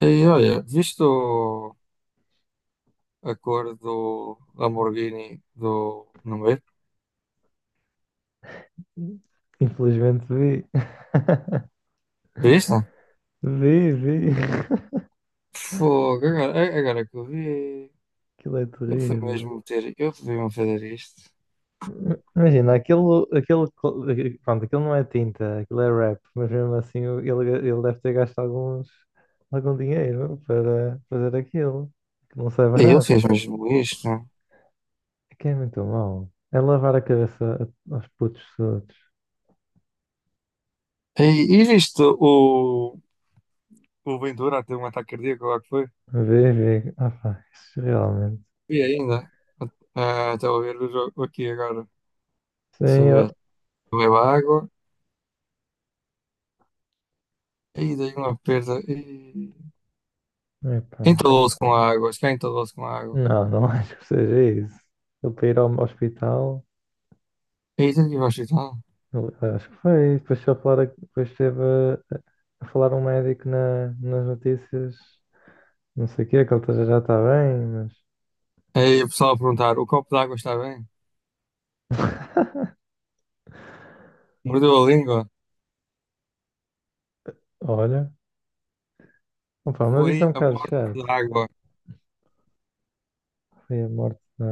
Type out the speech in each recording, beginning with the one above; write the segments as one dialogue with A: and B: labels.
A: E olha, viste a cor do Lamborghini do Número?
B: Infelizmente vi.
A: Viste?
B: Vi.
A: Fogo, agora que eu vi,
B: Aquilo é terrível.
A: eu fui mesmo fazer isto.
B: Imagina, aquilo não é tinta, aquilo é rap, mas mesmo assim ele deve ter gasto algum dinheiro para fazer aquilo, que não sai
A: E ele
B: barato.
A: fez mesmo isto.
B: É que é muito mau. É lavar a cabeça a- aos putos todos.
A: E, e viste o Ventura a ter um ataque cardíaco lá que foi?
B: Vê. Ah, pá, isso realmente.
A: Vi ainda. Ah, estava a ver o jogo aqui agora.
B: Sim,
A: Deixa eu ver.
B: eu...
A: Bebeu água. E dei uma perda. E
B: Epá.
A: entalou-se com a água. Acho que entalou-se com a água.
B: Não acho que seja isso. Ele para ir ao hospital.
A: E teve que ir ao hospital.
B: Eu- acho que foi. Depois, foi a falar, depois esteve a falar um médico nas notícias, não sei o quê, que ele tá- já está bem, mas.
A: Aí o pessoal a perguntar: o copo d'água está bem? Mordeu a língua?
B: Olha, opa, mas isso é
A: Foi
B: um
A: a
B: bocado
A: morte da
B: chato.
A: água.
B: Foi a morte da.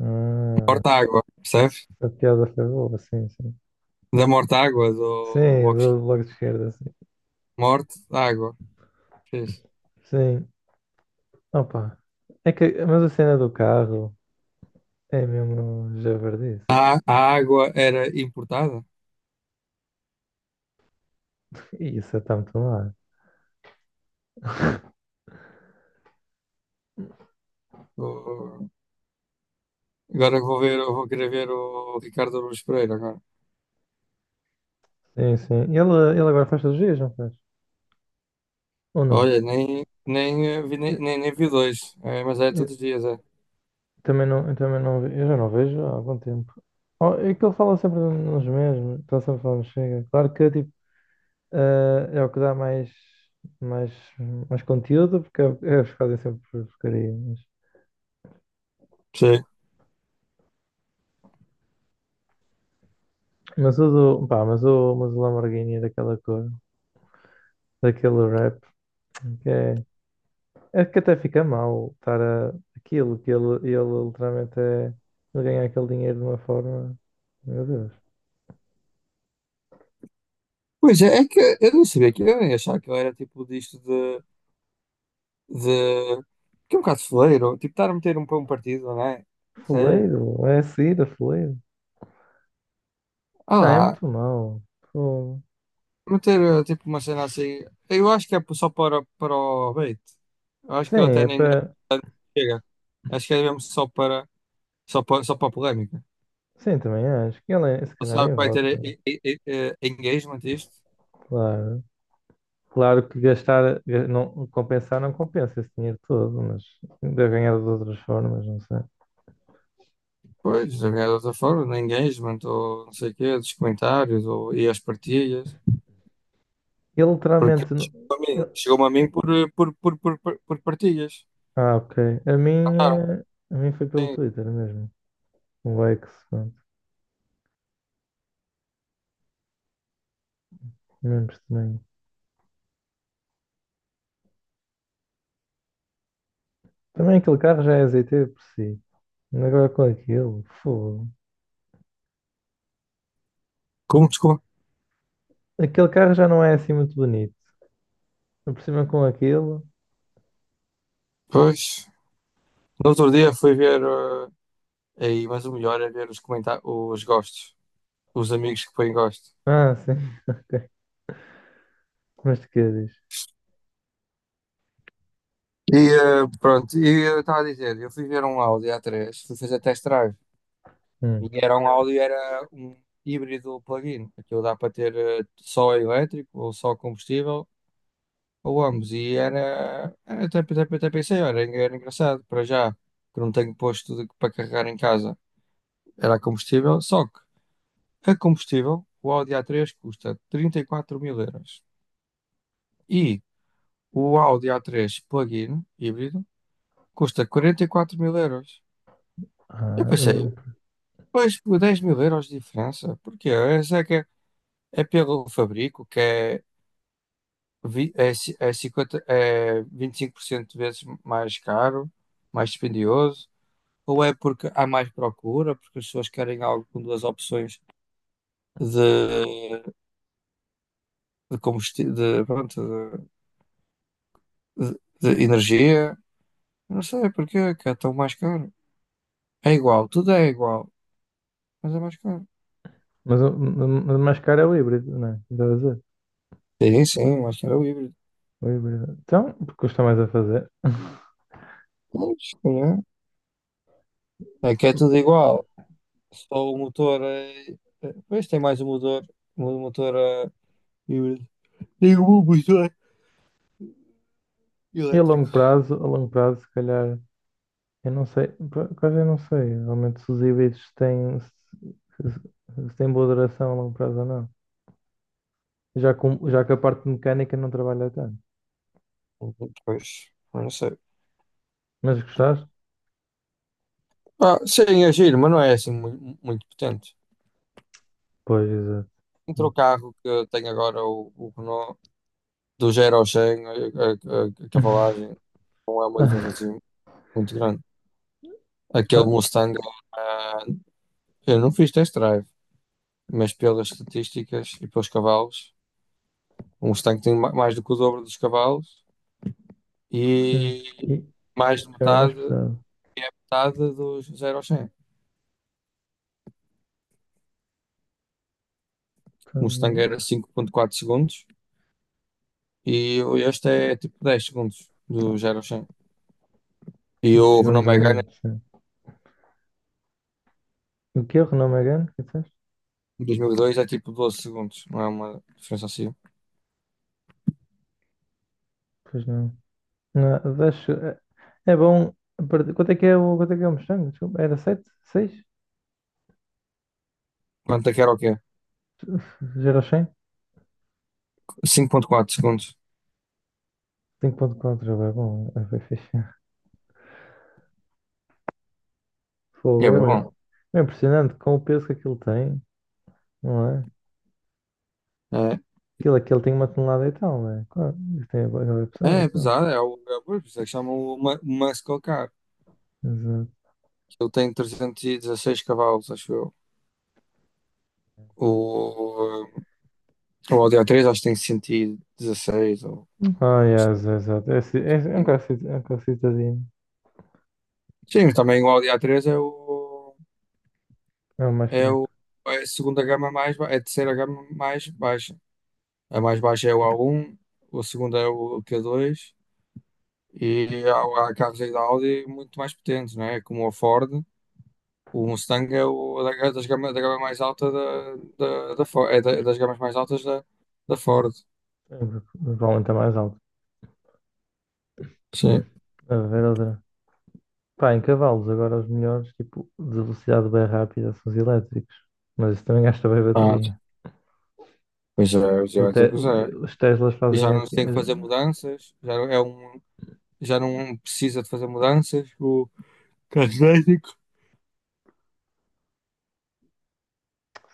B: Ah,
A: Morte à água, percebes?
B: a piada foi boa, sim.
A: Da morte à água do
B: Sim,
A: box.
B: do bloco de esquerda, sim.
A: Morte à água. Fiz.
B: Sim, opa. É que, mas a cena do carro é mesmo javardice.
A: A água era importada?
B: E isso é tá muito mal.
A: O- Agora vou ver, eu vou querer ver o Ricardo Aruz Pereira agora.
B: Sim, sim. E ele agora faz cirurgias, não faz? Ou não?
A: Olha, nem, nem, vi, nem, nem, nem vi dois, é, mas é todos os dias, é.
B: Também não, eu também não, ve- eu já não vejo há algum tempo. Oh, é que ele fala sempre nos mesmos, está sempre falando chega. Claro que tipo, é o que dá mais, mais, mais conteúdo, porque é, é os que fazem sempre porcaria.
A: Sim.
B: Mas o do, pá, mas o Lamborghini é daquela cor, daquele rap, que é, é que até fica mal estar a, aquilo que ele literalmente é, ele ganha aquele dinheiro de uma forma, meu Deus,
A: Pois é, é que eu não sabia, que eu nem achava que eu era tipo disto, de de que é um bocado fuleiro, tipo, estar a meter um para um partido, não é? Sei.
B: fuleiro, é a saída, fuleiro.
A: Ah
B: Não, é
A: lá,
B: muito mau. Fogo.
A: meter tipo uma cena assim. Eu acho que é só para o bait. Eu acho que ele
B: Sim,
A: até
B: é
A: nem
B: para.
A: chega. Acho que é mesmo só para a polémica.
B: Sim, também acho que ele, é, se
A: Ele
B: calhar,
A: sabe
B: nem
A: que vai ter
B: volta.
A: engagement isto.
B: Claro. Claro que gastar, ga- não, compensar não compensa esse dinheiro todo, mas deve ganhar de outras formas, não sei.
A: Pois, de alguma outra forma, no engagement, ou não sei o quê, dos comentários, ou, e as partilhas.
B: Ele
A: Porque
B: literalmente. Não-
A: chegou-me a mim,
B: ele-
A: chegou-me a mim por, eh, por partilhas.
B: Ah, ok. A
A: Mandaram,
B: minha. A minha foi pelo
A: sim.
B: Twitter mesmo. O X, pronto. Mesmo estranho. Também aquele carro já é azeiteiro por si. Agora com aquilo, fogo.
A: Como, desculpa?
B: Aquele carro já não é assim muito bonito. Por cima com aquilo.
A: Pois, no outro dia fui ver, aí, mas o melhor é ver os comentários, os gostos, os amigos que põem gosto.
B: Ah, sim. Ok. Mas de que diz?
A: E pronto, e eu estava a dizer, eu fui ver um Audi A3, fui fazer test drive, e era um híbrido plug-in, aquilo dá para ter só elétrico, ou só combustível, ou ambos, e até, até pensei, olha, era engraçado, para já, que não tenho posto para carregar em casa, era combustível, só que a combustível, o Audi A3 custa 34 mil euros. E o Audi A3 plug-in híbrido custa 44 mil euros. Eu
B: Ah,
A: pensei, pois por 10 mil euros de diferença, porque essa é que é, é pelo fabrico, que é, 50, é 25% de vezes mais caro, mais dispendioso, ou é porque há mais procura, porque as pessoas querem algo com duas opções de, de combustível, de, pronto, de, de- de energia. Não sei porquê, que é tão mais caro. É igual, tudo é igual, mas é mais caro.
B: mas, o- mas mais caro é o híbrido, não é? Estás a dizer?
A: Sim, sim, mais caro é o híbrido.
B: O híbrido. Então, porque custa mais a fazer.
A: Pois, se calhar. É que é tudo igual. Só o motor é. Pois tem mais um motor. Um motor é híbrido. Tem um motor
B: E
A: elétrico.
B: a longo prazo, se calhar, eu não sei, por acaso eu não sei, realmente se os híbridos têm, se- se têm boa duração a longo prazo ou não. Já, com, já que a parte mecânica não trabalha tanto.
A: Pois, não sei.
B: Mas gostaste?
A: Ah, sim, é giro, mas não é assim muito, muito potente.
B: Pois, exato.
A: Entre o carro que eu tenho agora, o Renault, do 0 ao 100, a cavalagem, não é uma diferença
B: Ah,
A: assim muito grande. Aquele
B: ah,
A: Mustang eh, eu não fiz test drive, mas pelas estatísticas e pelos cavalos, um Mustang tem mais do que o dobro dos cavalos
B: sim.
A: e
B: E
A: mais de
B: já é mais
A: metade,
B: pesado.
A: metade dos 0 aos 100. O Mustang
B: Então,
A: era 5,4 segundos e este é tipo 10 segundos do 0 ao 100.
B: já-
A: E
B: já
A: o
B: chegou-nos
A: Renault
B: a
A: Megane
B: muito, sim. O que é o Renault Megane? Que disseste?
A: em 2002 é tipo 12 segundos, não é uma diferença assim.
B: Pois não. Não, deixa- é é bom. Perder- quanto é que é o, quanto é que é o Mustang? Desculpa, era 7? 6?
A: Quanto é que era o quê?
B: 0 a 100?
A: 5,4 segundos.
B: 5,4, é bom, é bem fixe. Fogo,
A: É bem
B: é,
A: bom.
B: bem- é impressionante com o peso que aquilo tem, não é?
A: É,
B: Aquilo tem uma tonelada e tal, não é? Claro, isso tem é bem pesado
A: é
B: aquilo.
A: pesado, por isso é que chamam uma muscle car.
B: Exato.
A: Ele tem 316 cavalos, acho eu. O, o Audi a três acho que tem 116 ou.
B: Ah, yes, exato. É, ci- é, é um carro cit- é um carro citadino.
A: Sim, mas também o Audi a três é o
B: É o mais
A: é o
B: fraco.
A: é a segunda gama é a terceira gama mais baixa. A mais baixa é o A1, a segunda é o Q2 e há carros aí da Audi muito mais potentes, não é? Como o Ford, o Mustang é o é da, é das gama, da gama mais alta da Ford, é das gamas mais altas da Ford.
B: É, o que provavelmente é mais alto.
A: Sim.
B: A ver outra. Pá, em cavalos, agora os melhores, tipo, de velocidade bem rápida são os elétricos. Mas isso também gasta bem
A: Ah,
B: bateria.
A: pois já
B: O
A: vai ter
B: te-
A: que usar.
B: os Teslas
A: E
B: fazem
A: já não se
B: aqui,
A: tem que fazer mudanças, já não precisa de fazer mudanças. O carro elétrico.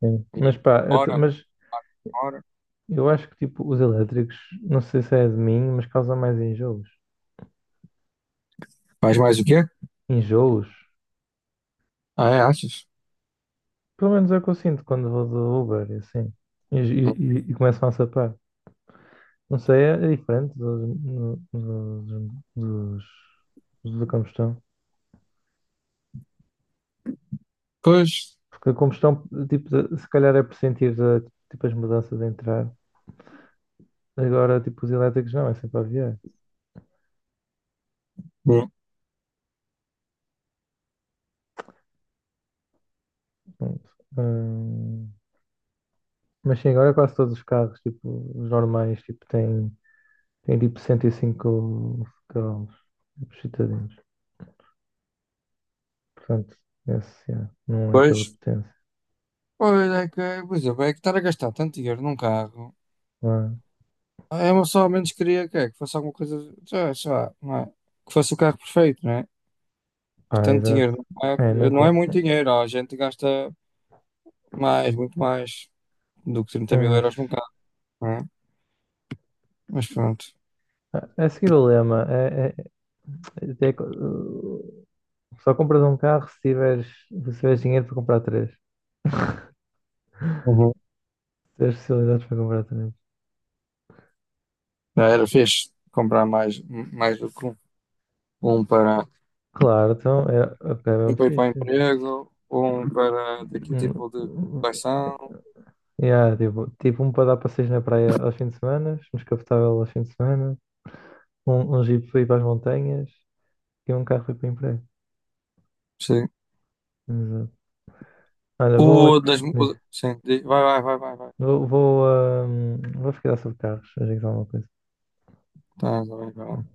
B: sim.
A: E
B: Mas pá, eu, te-
A: hora,
B: mas
A: hora.
B: eu acho que tipo, os elétricos, não sei se é de mim, mas causa mais enjoos.
A: Faz mais o quê?
B: Enjoos?
A: Ah, é, achas?
B: Pelo menos é o que eu sinto quando vou do Uber, e assim. E começam a sapar. Não sei, é, é diferente dos, no- no- dos, dos, dos da combustão.
A: Pois,
B: Porque a combustão, tipo, de- se calhar é por sentir tipo, as mudanças a entrar. Agora, tipo, os elétricos não, é sempre a aviar.
A: hum.
B: Hum, hum, mas sim, agora quase todos os carros, tipo, os normais, tipo, têm, têm tipo 105 cavalos, tipo, citadinos. Portanto, esse, yeah, não é pela
A: pois,
B: potência.
A: pois é que, por exemplo, é que estar a gastar tanto dinheiro num carro.
B: Ah,
A: É uma, só ao menos queria que fosse alguma coisa, sei lá, não é? Que fosse o carro perfeito, não é? Que
B: ah,
A: tanto
B: exato.
A: dinheiro,
B: É, não
A: não é
B: com...
A: muito dinheiro, ó, a gente gasta mais, muito mais do que
B: Sim,
A: 30 mil
B: mas...
A: euros num carro, não é? Mas pronto.
B: ah, é seguir o lema. É- é- é- Só compras um carro se tiveres, se tiveres dinheiro para comprar três.
A: Uhum.
B: Ter especialidades para comprar talentos.
A: Já era fixe comprar mais do que um. Um para,
B: Claro, então é, ok, é
A: Um
B: mesmo
A: para ir para o
B: fixe.
A: emprego, um para daquele
B: Hum,
A: tipo de
B: hum,
A: coleção.
B: Yeah, tipo, tipo um para dar passeios na praia aos fins de semana, um descapotável aos fins de semana, um jeep para ir para as montanhas e um carro para ir para o emprego.
A: Sim.
B: Exato. Olha, vou,
A: O das. Mu-
B: diz,
A: o- Sim, vai, vai, vai, vai, vai.
B: vou, vou, vou ficar sobre carros, a dizer alguma coisa.
A: Tá, vai, vai lá.